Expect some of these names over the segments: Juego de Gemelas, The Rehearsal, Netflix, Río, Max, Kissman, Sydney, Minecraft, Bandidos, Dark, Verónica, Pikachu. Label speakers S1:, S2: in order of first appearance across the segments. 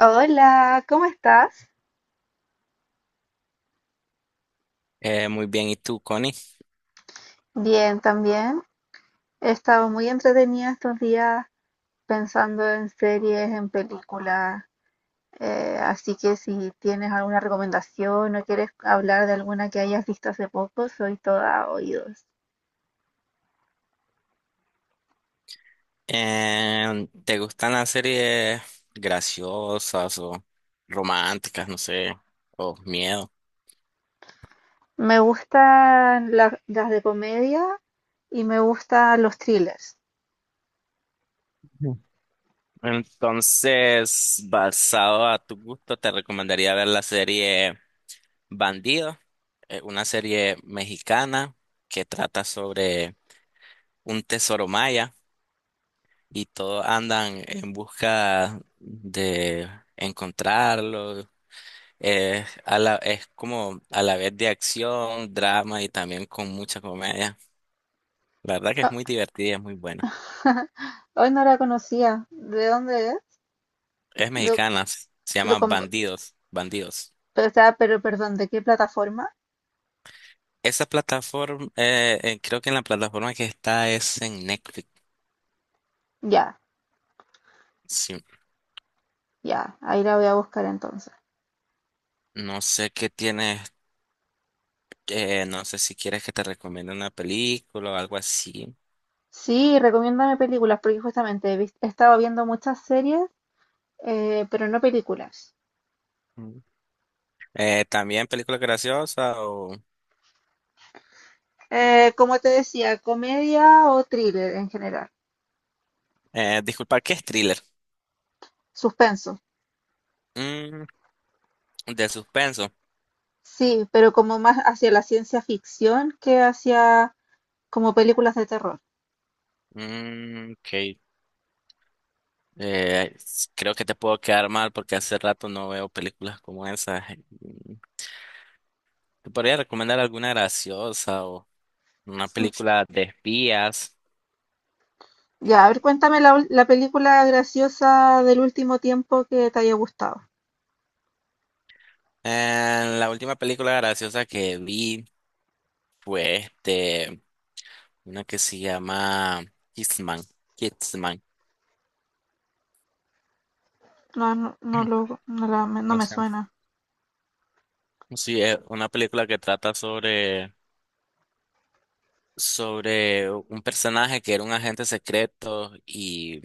S1: Hola, ¿cómo estás?
S2: Muy bien, ¿y tú, Connie?
S1: Bien, también. He estado muy entretenida estos días pensando en series, en películas. Así que si tienes alguna recomendación o quieres hablar de alguna que hayas visto hace poco, soy toda oídos.
S2: ¿Te gustan las series graciosas o románticas, no sé, o miedo?
S1: Me gustan las de comedia y me gustan los thrillers.
S2: Ujú. Entonces, basado a tu gusto, te recomendaría ver la serie Bandido, una serie mexicana que trata sobre un tesoro maya y todos andan en busca de encontrarlo. Es como a la vez de acción, drama y también con mucha comedia. La verdad que es
S1: Ah,
S2: muy divertida, y es muy buena.
S1: hoy no la conocía. ¿De dónde es?
S2: Es
S1: De-
S2: mexicana, se
S1: de
S2: llama
S1: com-
S2: Bandidos, Bandidos.
S1: o sea, pero perdón, ¿de qué plataforma?
S2: Esa plataforma, creo que en la plataforma que está es en Netflix.
S1: Ya.
S2: Sí.
S1: Ya, ahí la voy a buscar entonces.
S2: No sé qué tienes, no sé si quieres que te recomiende una película o algo así.
S1: Sí, recomiéndame películas, porque justamente he estado viendo muchas series, pero no películas.
S2: Mm. También película graciosa o...
S1: Como te decía, comedia o thriller en general.
S2: disculpa, ¿qué es thriller?
S1: Suspenso.
S2: Mm, de suspenso.
S1: Sí, pero como más hacia la ciencia ficción que hacia como películas de terror.
S2: Mm, ok. Eh, Creo que te puedo quedar mal porque hace rato no veo películas como esas. ¿Te podría recomendar alguna graciosa o una
S1: Mm,
S2: película de espías?
S1: Ya, a ver, cuéntame la película graciosa del último tiempo que te haya gustado.
S2: La última película graciosa que vi fue una que se llama Kissman. Kissman.
S1: No, no, no, no
S2: No
S1: me
S2: sé.
S1: suena.
S2: Sí, es una película que trata sobre un personaje que era un agente secreto y,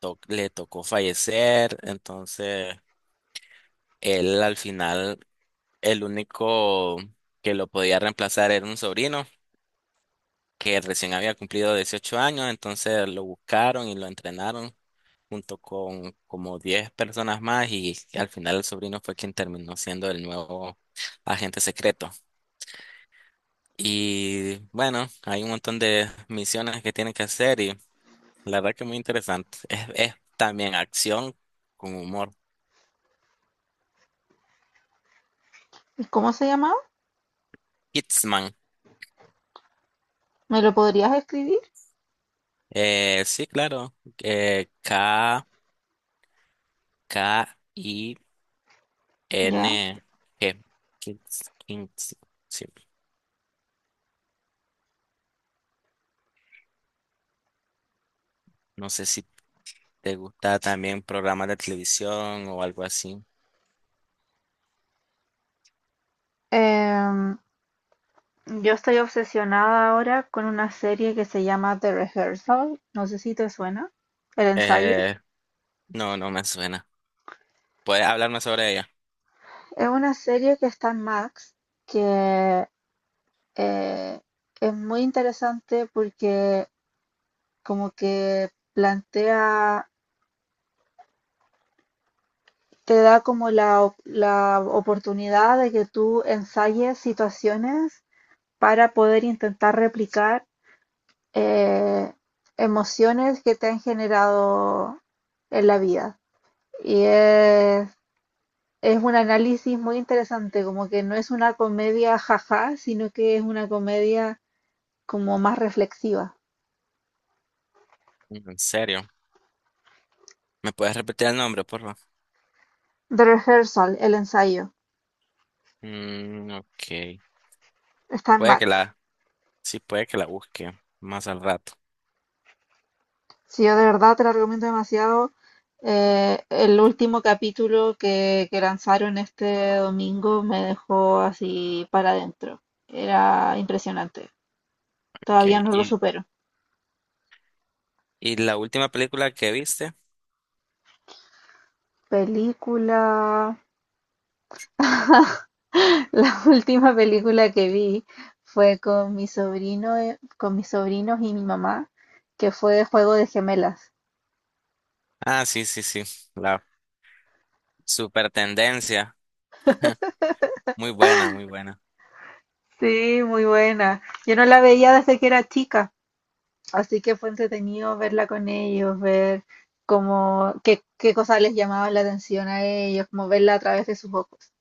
S2: le tocó fallecer, entonces él al final, el único que lo podía reemplazar era un sobrino que recién había cumplido 18 años, entonces lo buscaron y lo entrenaron junto con como 10 personas más y al final el sobrino fue quien terminó siendo el nuevo agente secreto. Y bueno, hay un montón de misiones que tienen que hacer y la verdad que muy interesante. Es también acción con humor.
S1: ¿Y cómo se llamaba?
S2: Kidsman.
S1: ¿Me lo podrías escribir?
S2: Sí, claro. Eh, K, K, I,
S1: Ya.
S2: N, G. Kings, sí. No sé si te gusta también programas de televisión o algo así.
S1: Em, yo estoy obsesionada ahora con una serie que se llama The Rehearsal. No sé si te suena. El ensayo.
S2: Eh, no, no me suena. ¿Puedes hablarme sobre ella?
S1: Es una serie que está en Max, que eh, es muy interesante porque como que plantea, te da como la oportunidad de que tú ensayes situaciones para poder intentar replicar eh, emociones que te han generado en la vida. Y es un análisis muy interesante, como que no es una comedia jaja, sino que es una comedia como más reflexiva.
S2: Mm. En serio. ¿Me puedes repetir el nombre, por favor?
S1: The Rehearsal, el ensayo,
S2: Mm, ok.
S1: está en
S2: Puede que
S1: Max.
S2: la, sí, puede que la busque más al rato.
S1: Si yo de verdad te la recomiendo demasiado. El último capítulo que lanzaron este domingo me dejó así para adentro. Era impresionante. Todavía
S2: Okay.
S1: no lo
S2: ¿Y,
S1: supero.
S2: y la última película que viste?
S1: Película. La última película que vi fue con mi sobrino, con mis sobrinos y mi mamá, que fue Juego de Gemelas.
S2: Ah, sí, sí, sí. La super tendencia. Muy buena, muy buena.
S1: Sí, muy buena. Yo no la veía desde que era chica, así que fue entretenido verla con ellos, ver cómo, qué cosas les llamaban la atención a ellos, como verla a través de sus ojos.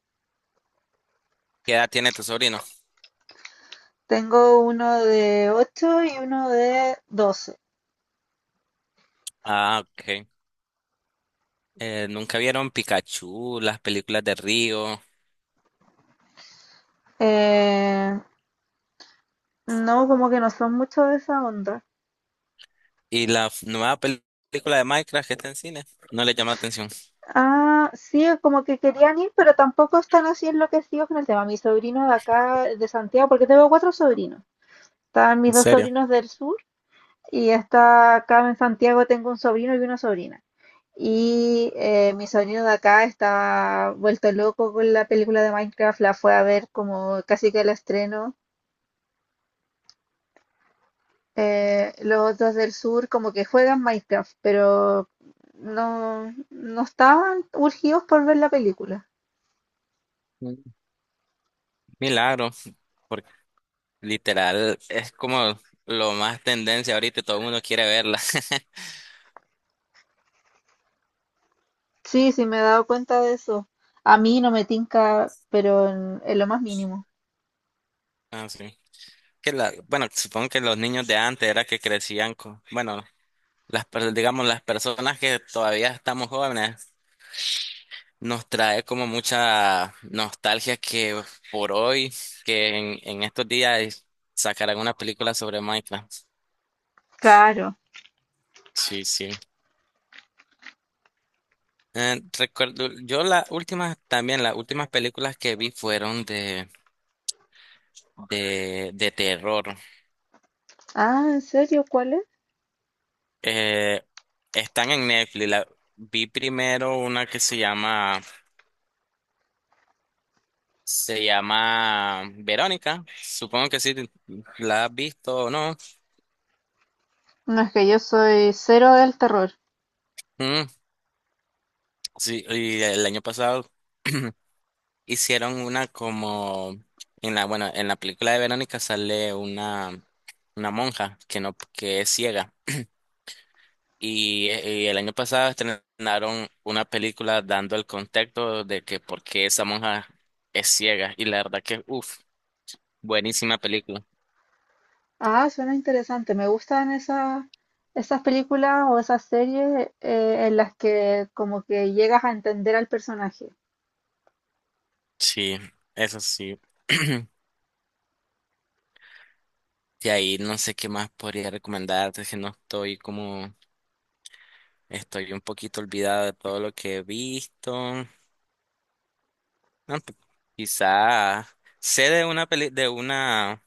S2: ¿Qué edad tiene tu sobrino?
S1: Tengo uno de 8 y uno de 12.
S2: Ah, ok. ¿Nunca vieron Pikachu, las películas de Río,
S1: Eh, no, como que no son mucho de esa onda.
S2: y la nueva película de Minecraft que está en cine? No le llama atención.
S1: Ah, sí, es como que querían ir, pero tampoco están así enloquecidos con el tema. Mi sobrino de acá, de Santiago, porque tengo cuatro sobrinos. Están mis
S2: ¿En
S1: dos
S2: serio?
S1: sobrinos del sur y está acá en Santiago tengo un sobrino y una sobrina. Y mi sobrino de acá está vuelto loco con la película de Minecraft, la fue a ver como casi que el estreno. Los otros del sur como que juegan Minecraft, pero no, no estaban urgidos por ver la película.
S2: Mm. Milagro, porque literal es como lo más tendencia ahorita y todo el mundo quiere verla.
S1: Sí, sí, me he dado cuenta de eso. A mí no me tinca, pero en lo más mínimo.
S2: Ah, sí. Bueno, supongo que los niños de antes era que crecían con, bueno, digamos las personas que todavía estamos jóvenes nos trae como mucha nostalgia que por hoy, que en estos días sacarán una película sobre Minecraft.
S1: Claro.
S2: Sí, sí. Recuerdo, yo las últimas, también las últimas películas que vi fueron de, de terror.
S1: Ah, ¿en serio? ¿Cuál es?
S2: Eh, Están en Netflix. Vi primero una que se llama Verónica. Supongo que sí, la has visto o no.
S1: No, es que yo soy cero del terror.
S2: Mm, sí, y el año pasado hicieron una como en la, bueno, en la película de Verónica sale una monja que no, que es ciega. Y el año pasado estrenaron una película dando el contexto de que por qué esa monja es ciega. Y la verdad que, uff, buenísima película.
S1: Ah, suena interesante. Me gustan esas películas o esas series en las que como que llegas a entender al personaje.
S2: Sí, eso sí. De ahí no sé qué más podría recomendarte, que no estoy como, estoy un poquito olvidada de todo lo que he visto. No, quizá sé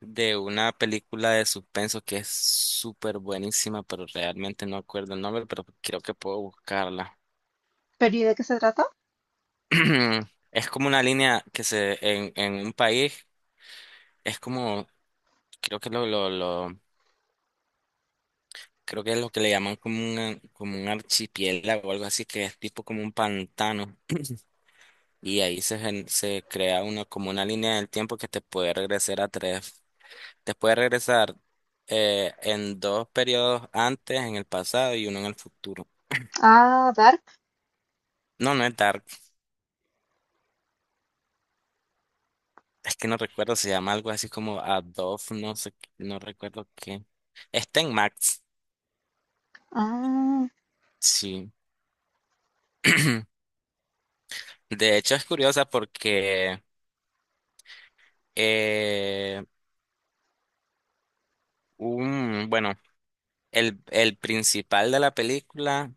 S2: de una película de suspenso que es súper buenísima, pero realmente no acuerdo el nombre, pero creo que puedo buscarla.
S1: ¿Pero y de qué se trata?
S2: Es como una línea que se en un país es como creo que lo creo que es lo que le llaman como un archipiélago o algo así que es tipo como un pantano, y ahí se crea una como una línea del tiempo que te puede regresar a tres Te puede regresar en dos periodos antes, en el pasado y uno en el futuro.
S1: Ah, Dark.
S2: No, no es Dark. Es que no recuerdo, se llama algo así como Adobe, no sé, no recuerdo qué. Está en Max,
S1: Ah,
S2: sí. De hecho, es curiosa porque, eh, bueno, el principal de la película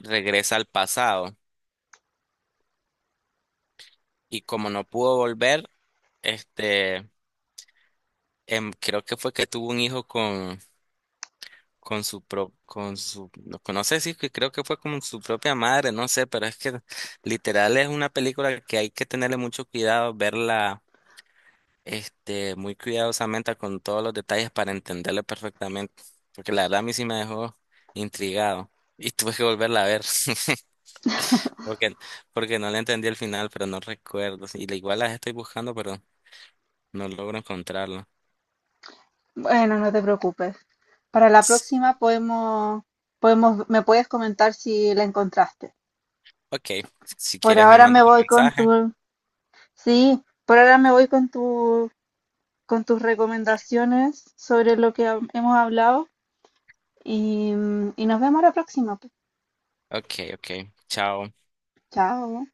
S2: regresa al pasado y como no pudo volver, este, creo que fue que tuvo un hijo con su pro, con su, no, no sé si que creo que fue con su propia madre, no sé, pero es que literal es una película que hay que tenerle mucho cuidado, verla muy cuidadosamente con todos los detalles para entenderla perfectamente, porque la verdad a mí sí me dejó intrigado y tuve que volverla a ver. Porque, porque no le entendí el final, pero no recuerdo. Sí, igual las estoy buscando, pero no logro encontrarla.
S1: bueno, no te preocupes. Para la próxima podemos, me puedes comentar si la encontraste.
S2: Ok, si
S1: Por
S2: quieres me
S1: ahora
S2: mandas
S1: me
S2: un
S1: voy con
S2: mensaje.
S1: tu, sí, por ahora me voy con tus recomendaciones sobre lo que hemos hablado y nos vemos la próxima, pues.
S2: Ok, ok. Chao.
S1: Chao.